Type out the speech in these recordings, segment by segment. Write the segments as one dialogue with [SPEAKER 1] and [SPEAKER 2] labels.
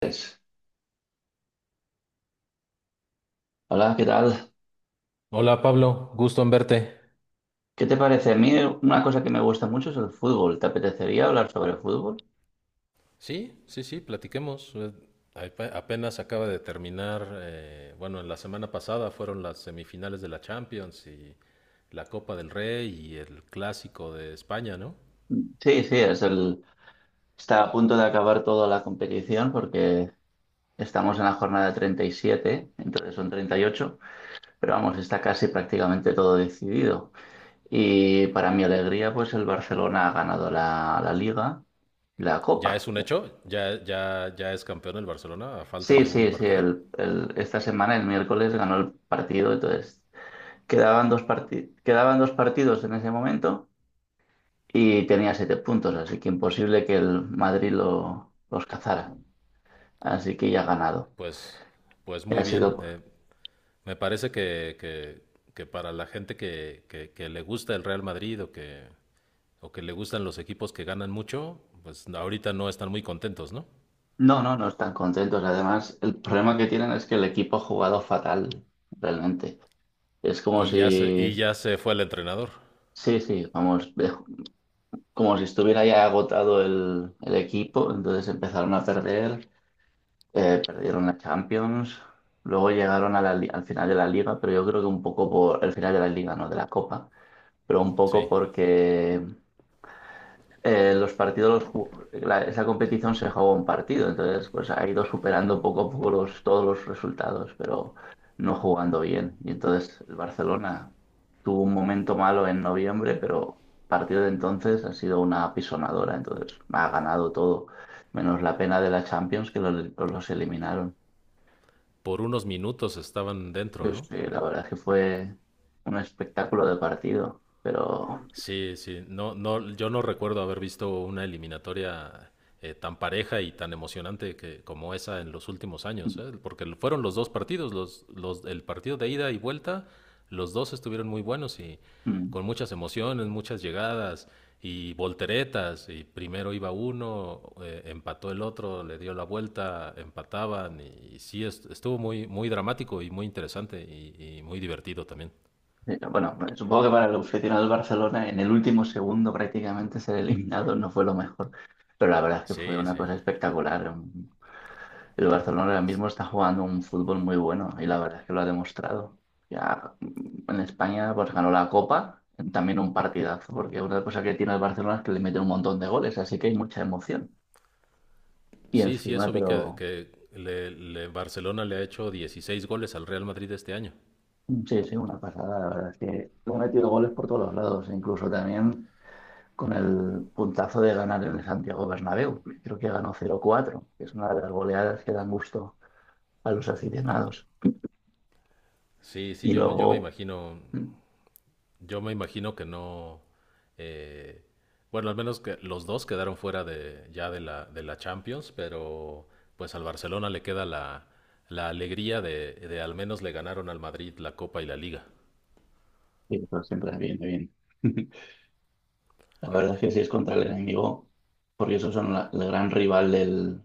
[SPEAKER 1] Pues, hola, ¿qué tal?
[SPEAKER 2] Hola Pablo, gusto en verte.
[SPEAKER 1] ¿Qué te parece? A mí una cosa que me gusta mucho es el fútbol. ¿Te apetecería hablar sobre fútbol?
[SPEAKER 2] Sí, sí, sí, platiquemos. Apenas acaba de terminar, bueno, la semana pasada fueron las semifinales de la Champions y la Copa del Rey y el Clásico de España, ¿no?
[SPEAKER 1] Sí, sí, está a punto de acabar toda la competición porque estamos en la jornada 37, entonces son 38, pero vamos, está casi prácticamente todo decidido. Y para mi alegría, pues el Barcelona ha ganado la Liga y la
[SPEAKER 2] Ya es
[SPEAKER 1] Copa.
[SPEAKER 2] un hecho, ya, ya, ya es campeón el Barcelona a falta
[SPEAKER 1] Sí,
[SPEAKER 2] de un
[SPEAKER 1] sí, sí,
[SPEAKER 2] partido.
[SPEAKER 1] esta semana, el miércoles, ganó el partido, entonces quedaban quedaban dos partidos en ese momento y tenía 7 puntos, así que imposible que el Madrid los cazara. Así que ya ha ganado.
[SPEAKER 2] Pues, pues
[SPEAKER 1] Y
[SPEAKER 2] muy
[SPEAKER 1] Ha
[SPEAKER 2] bien.
[SPEAKER 1] sido...
[SPEAKER 2] Me parece que para la gente que le gusta el Real Madrid o que le gustan los equipos que ganan mucho, pues ahorita no están muy contentos, ¿no?
[SPEAKER 1] No, no, no están contentos. Además, el problema que tienen es que el equipo ha jugado fatal, realmente. Es como
[SPEAKER 2] Y ya se,
[SPEAKER 1] si...
[SPEAKER 2] y ya se fue el entrenador,
[SPEAKER 1] Sí, sí, vamos, como si estuviera ya agotado el equipo, entonces empezaron a perder. Perdieron la Champions, luego llegaron a al final de la liga, pero yo creo que un poco por el final de la liga, no de la Copa, pero un
[SPEAKER 2] sí.
[SPEAKER 1] poco porque los partidos, esa competición se jugó un partido, entonces pues ha ido superando poco a poco todos los resultados, pero no jugando bien. Y entonces el Barcelona tuvo un momento malo en noviembre, pero a partir de entonces ha sido una apisonadora, entonces ha ganado todo, menos la pena de la Champions que los eliminaron.
[SPEAKER 2] Por unos minutos estaban dentro,
[SPEAKER 1] Pues
[SPEAKER 2] ¿no?
[SPEAKER 1] sí, la verdad es que fue un espectáculo de partido, pero
[SPEAKER 2] Sí, sí, no, no, yo no recuerdo haber visto una eliminatoria tan pareja y tan emocionante como esa en los últimos años, ¿eh? Porque fueron los dos partidos, el partido de ida y vuelta, los dos estuvieron muy buenos y
[SPEAKER 1] mm,
[SPEAKER 2] con muchas emociones, muchas llegadas y volteretas, y primero iba uno, empató el otro, le dio la vuelta, empataban, y sí, estuvo muy, muy dramático y muy interesante y muy divertido también.
[SPEAKER 1] bueno, supongo que para el aficionado del Barcelona en el último segundo prácticamente ser eliminado no fue lo mejor, pero la verdad es que fue
[SPEAKER 2] Sí,
[SPEAKER 1] una
[SPEAKER 2] sí.
[SPEAKER 1] cosa espectacular. El Barcelona ahora mismo está jugando un fútbol muy bueno y la verdad es que lo ha demostrado. Ya en España pues ganó la Copa, también un partidazo, porque una cosa que tiene el Barcelona es que le mete un montón de goles, así que hay mucha emoción. Y
[SPEAKER 2] Sí, sí,
[SPEAKER 1] encima,
[SPEAKER 2] eso vi que,
[SPEAKER 1] pero
[SPEAKER 2] que Barcelona le ha hecho 16 goles al Real Madrid este año.
[SPEAKER 1] Sí, sí, una pasada, la verdad es que ha metido goles por todos los lados, incluso también con el puntazo de ganar en el Santiago Bernabéu. Creo que ganó 0-4, que es una de las goleadas que dan gusto a los aficionados.
[SPEAKER 2] Sí, sí,
[SPEAKER 1] Y
[SPEAKER 2] yo, me- yo me
[SPEAKER 1] luego,
[SPEAKER 2] imagino,
[SPEAKER 1] mm,
[SPEAKER 2] yo me imagino que no, eh, bueno, al menos que los dos quedaron fuera ya de la Champions, pero pues al Barcelona le queda la alegría de al menos le ganaron al Madrid la Copa y la Liga.
[SPEAKER 1] sí, eso siempre viene bien. La verdad es que sí, es contra el enemigo, porque esos son el gran rival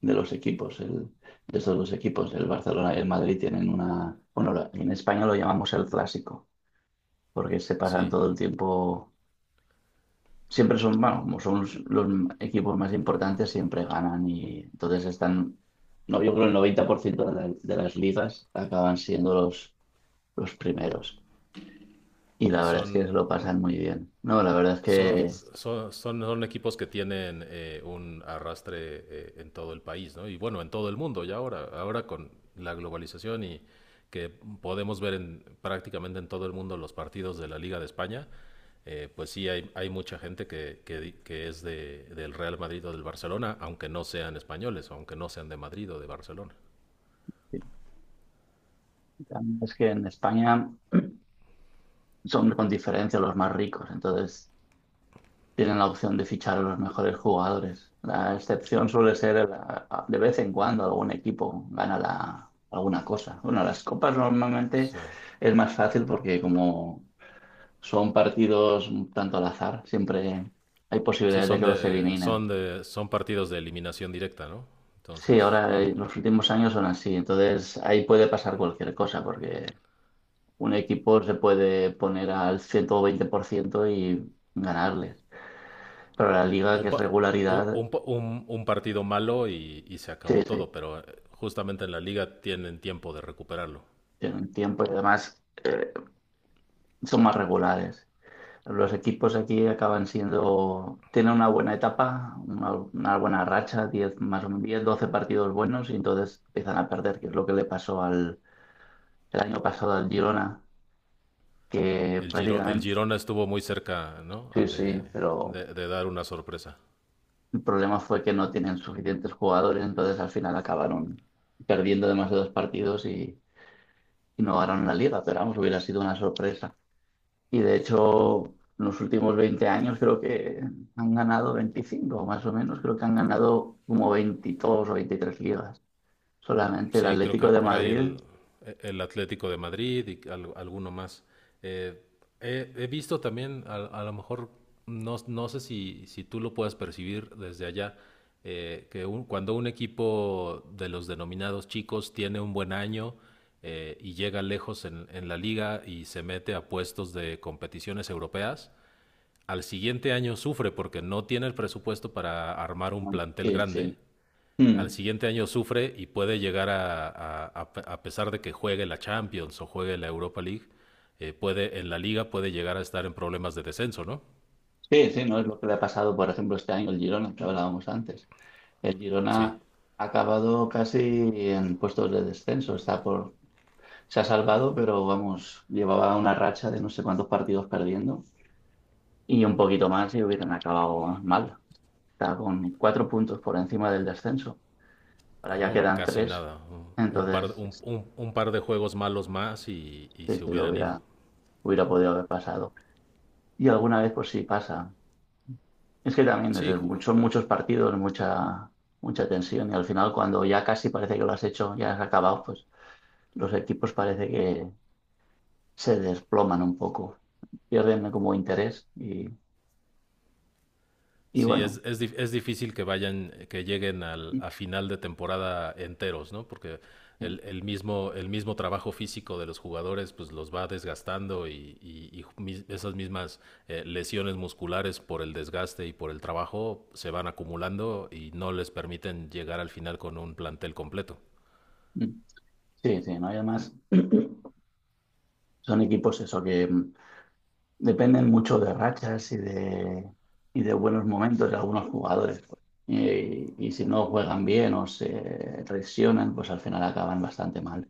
[SPEAKER 1] de los equipos, el- de estos dos equipos. El Barcelona y el Madrid tienen una, bueno, en España lo llamamos el clásico, porque se pasan
[SPEAKER 2] Sí,
[SPEAKER 1] todo el tiempo siempre son, bueno, como son los equipos más importantes, siempre ganan y entonces están, no, yo creo el 90% de las ligas acaban siendo los primeros. Y
[SPEAKER 2] y
[SPEAKER 1] la verdad es que se
[SPEAKER 2] son,
[SPEAKER 1] lo pasan muy bien. No, la verdad
[SPEAKER 2] Son,
[SPEAKER 1] es
[SPEAKER 2] son equipos que tienen un arrastre en todo el país, ¿no? Y bueno, en todo el mundo ya ahora con la globalización y que podemos ver prácticamente en todo el mundo los partidos de la Liga de España, pues sí hay mucha gente que es del Real Madrid o del Barcelona, aunque no sean españoles, aunque no sean de Madrid o de Barcelona.
[SPEAKER 1] que en España son con diferencia los más ricos, entonces tienen la opción de fichar a los mejores jugadores. La excepción suele ser de vez en cuando algún equipo gana alguna cosa. Bueno, las copas normalmente
[SPEAKER 2] Sí,
[SPEAKER 1] es más fácil porque como son partidos un tanto al azar, siempre hay
[SPEAKER 2] sí
[SPEAKER 1] posibilidades de que los eliminen.
[SPEAKER 2] son partidos de eliminación directa, ¿no?
[SPEAKER 1] Sí,
[SPEAKER 2] Entonces,
[SPEAKER 1] ahora los últimos años son así, entonces ahí puede pasar cualquier cosa porque un equipo se puede poner al 120% y ganarles. Pero la liga,
[SPEAKER 2] un,
[SPEAKER 1] que es
[SPEAKER 2] pa- u-
[SPEAKER 1] regularidad,
[SPEAKER 2] un pa- un partido malo y se
[SPEAKER 1] sí,
[SPEAKER 2] acabó
[SPEAKER 1] sí.
[SPEAKER 2] todo, pero justamente en la liga tienen tiempo de recuperarlo.
[SPEAKER 1] En tiempo y además son más regulares. Los equipos aquí acaban siendo, tienen una buena etapa, una buena racha, 10 más o menos 10, 12 partidos buenos y entonces empiezan a perder, que es lo que le pasó el año pasado al Girona, que
[SPEAKER 2] El
[SPEAKER 1] prácticamente,
[SPEAKER 2] Girona estuvo muy cerca, ¿no? Ah,
[SPEAKER 1] sí, sí,
[SPEAKER 2] De,
[SPEAKER 1] pero
[SPEAKER 2] de- de dar una sorpresa.
[SPEAKER 1] el problema fue que no tienen suficientes jugadores, entonces al final acabaron perdiendo demasiados partidos y no ganaron la liga, pero vamos, hubiera sido una sorpresa. Y de hecho, en los últimos 20 años creo que han ganado 25 más o menos, creo que han ganado como 22 o 23 ligas. Solamente el
[SPEAKER 2] Sí, creo
[SPEAKER 1] Atlético
[SPEAKER 2] que
[SPEAKER 1] de
[SPEAKER 2] por ahí
[SPEAKER 1] Madrid.
[SPEAKER 2] el Atlético de Madrid y alguno más. Eh, he visto también, a lo mejor, no, no sé si tú lo puedas percibir desde allá, que cuando un equipo de los denominados chicos tiene un buen año y llega lejos en la liga y se mete a puestos de competiciones europeas, al siguiente año sufre porque no tiene el presupuesto para armar un plantel
[SPEAKER 1] Sí,
[SPEAKER 2] grande
[SPEAKER 1] sí.
[SPEAKER 2] al
[SPEAKER 1] Mm.
[SPEAKER 2] siguiente año sufre y puede llegar a pesar de que juegue la Champions o juegue la Europa League, en la liga puede llegar a estar en problemas de descenso, ¿no?
[SPEAKER 1] Sí, sí, no es lo que le ha pasado, por ejemplo, este año el Girona, que hablábamos antes. El
[SPEAKER 2] Sí,
[SPEAKER 1] Girona ha acabado casi en puestos de descenso, se ha salvado, pero vamos, llevaba una racha de no sé cuántos partidos perdiendo y un poquito más y hubieran acabado mal. Está con 4 puntos por encima del descenso. Ahora ya
[SPEAKER 2] no,
[SPEAKER 1] quedan
[SPEAKER 2] casi
[SPEAKER 1] tres,
[SPEAKER 2] nada. Un, un par,
[SPEAKER 1] entonces
[SPEAKER 2] un, un- un par de juegos malos más y
[SPEAKER 1] sí,
[SPEAKER 2] se hubieran ido.
[SPEAKER 1] hubiera podido haber pasado. Y alguna vez, pues sí pasa. Es que también es,
[SPEAKER 2] Sí, ju-
[SPEAKER 1] son muchos partidos, mucha tensión, y al final, cuando ya casi parece que lo has hecho, ya has acabado, pues los equipos parece que se desploman un poco, pierden como interés, y
[SPEAKER 2] Sí,
[SPEAKER 1] bueno.
[SPEAKER 2] es difícil que lleguen
[SPEAKER 1] Sí,
[SPEAKER 2] a final de temporada enteros, ¿no? Porque el mismo trabajo físico de los jugadores pues los va desgastando esas mismas lesiones musculares por el desgaste y por el trabajo se van acumulando y no les permiten llegar al final con un plantel completo.
[SPEAKER 1] sí, sí, no hay más. Son equipos eso que dependen mucho de rachas y de buenos momentos de algunos jugadores, pues. Y si no juegan bien o se lesionan, pues al final acaban bastante mal.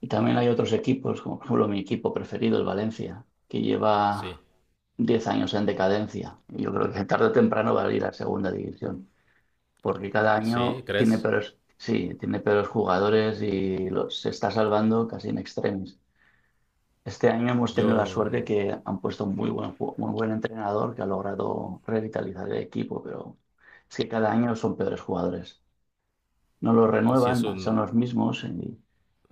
[SPEAKER 1] Y también hay otros equipos, como por ejemplo mi equipo preferido, el Valencia, que
[SPEAKER 2] Sí,
[SPEAKER 1] lleva 10 años en decadencia. Y yo creo que tarde o temprano va a ir a segunda división, porque cada
[SPEAKER 2] sí,
[SPEAKER 1] año tiene
[SPEAKER 2] ¿crees?
[SPEAKER 1] peores, sí, tiene peores jugadores y se está salvando casi en extremis. Este año hemos tenido la
[SPEAKER 2] Yo,
[SPEAKER 1] suerte que han puesto un muy un buen entrenador que ha logrado revitalizar el equipo, pero es que cada año son peores jugadores. No los
[SPEAKER 2] sí es
[SPEAKER 1] renuevan, son
[SPEAKER 2] un.
[SPEAKER 1] los mismos, y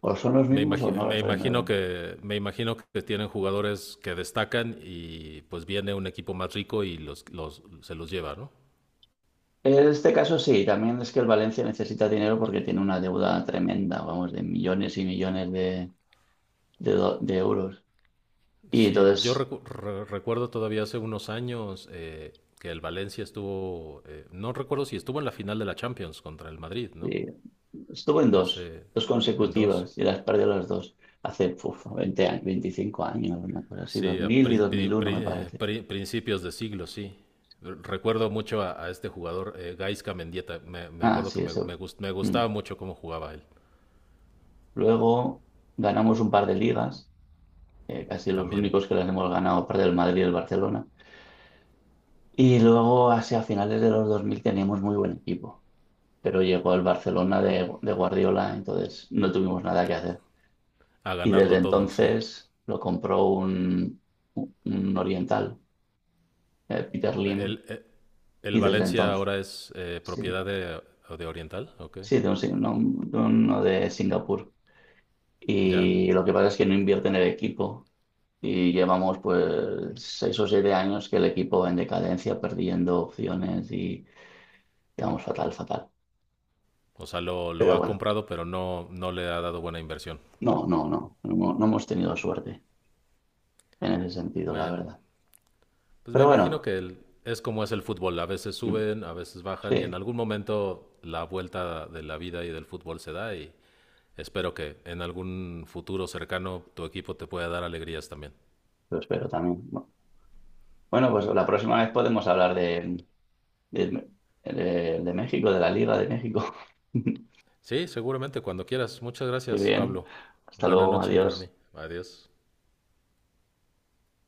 [SPEAKER 1] o son los
[SPEAKER 2] Me,
[SPEAKER 1] mismos o
[SPEAKER 2] imagi-
[SPEAKER 1] no
[SPEAKER 2] me
[SPEAKER 1] los
[SPEAKER 2] imagino
[SPEAKER 1] renuevan.
[SPEAKER 2] que me imagino que tienen jugadores que destacan y pues viene un equipo más rico y los se los lleva, ¿no?
[SPEAKER 1] En este caso sí, también es que el Valencia necesita dinero porque tiene una deuda tremenda, vamos, de millones y millones de euros. Y
[SPEAKER 2] Sí, yo
[SPEAKER 1] entonces,
[SPEAKER 2] recuerdo todavía hace unos años que el Valencia estuvo, no recuerdo si estuvo en la final de la Champions contra el Madrid, ¿no?
[SPEAKER 1] sí, estuve en dos,
[SPEAKER 2] Hace
[SPEAKER 1] dos
[SPEAKER 2] en dos.
[SPEAKER 1] consecutivas y las perdí las dos hace uf, 20 años, 25 años, una cosa así,
[SPEAKER 2] Sí, a
[SPEAKER 1] 2000 y
[SPEAKER 2] pri- pri-
[SPEAKER 1] 2001 me
[SPEAKER 2] pri- eh,
[SPEAKER 1] parece.
[SPEAKER 2] pri- principios de siglo, sí. Recuerdo mucho a este jugador, Gaisca Mendieta. Me
[SPEAKER 1] Ah,
[SPEAKER 2] acuerdo
[SPEAKER 1] sí,
[SPEAKER 2] que me, me
[SPEAKER 1] eso.
[SPEAKER 2] gust- me
[SPEAKER 1] Mm.
[SPEAKER 2] gustaba mucho cómo jugaba él
[SPEAKER 1] Luego ganamos un par de ligas, casi los
[SPEAKER 2] también.
[SPEAKER 1] únicos que las hemos ganado, aparte del Madrid y el Barcelona. Y luego, hacia finales de los 2000, teníamos muy buen equipo, pero llegó el Barcelona de Guardiola, entonces no tuvimos nada que hacer.
[SPEAKER 2] A
[SPEAKER 1] Y desde
[SPEAKER 2] ganarlo todo, sí.
[SPEAKER 1] entonces lo compró un oriental, Peter Lim.
[SPEAKER 2] El, el, el
[SPEAKER 1] Y desde
[SPEAKER 2] Valencia
[SPEAKER 1] entonces,
[SPEAKER 2] ahora es
[SPEAKER 1] sí,
[SPEAKER 2] propiedad de Oriental, ok.
[SPEAKER 1] sí, de, un sing- no, de uno de Singapur.
[SPEAKER 2] Ya.
[SPEAKER 1] Y lo que pasa es que no invierte en el equipo. Y llevamos pues seis o siete años que el equipo va en decadencia, perdiendo opciones y quedamos fatal, fatal.
[SPEAKER 2] O sea, lo
[SPEAKER 1] Pero
[SPEAKER 2] ha
[SPEAKER 1] bueno,
[SPEAKER 2] comprado, pero no le ha dado buena inversión.
[SPEAKER 1] no hemos tenido suerte en ese sentido, la
[SPEAKER 2] Bueno,
[SPEAKER 1] verdad.
[SPEAKER 2] pues me
[SPEAKER 1] Pero
[SPEAKER 2] imagino
[SPEAKER 1] bueno,
[SPEAKER 2] que es como es el fútbol. A veces
[SPEAKER 1] mm,
[SPEAKER 2] suben, a veces bajan y en
[SPEAKER 1] sí,
[SPEAKER 2] algún momento la vuelta de la vida y del fútbol se da y espero que en algún futuro cercano tu equipo te pueda dar alegrías también.
[SPEAKER 1] lo espero también. Bueno, pues la próxima vez podemos hablar de, de México, de la Liga de México.
[SPEAKER 2] Sí, seguramente, cuando quieras. Muchas
[SPEAKER 1] Muy
[SPEAKER 2] gracias,
[SPEAKER 1] bien.
[SPEAKER 2] Pablo.
[SPEAKER 1] Hasta
[SPEAKER 2] Buena
[SPEAKER 1] luego,
[SPEAKER 2] noche para mí.
[SPEAKER 1] adiós.
[SPEAKER 2] Adiós.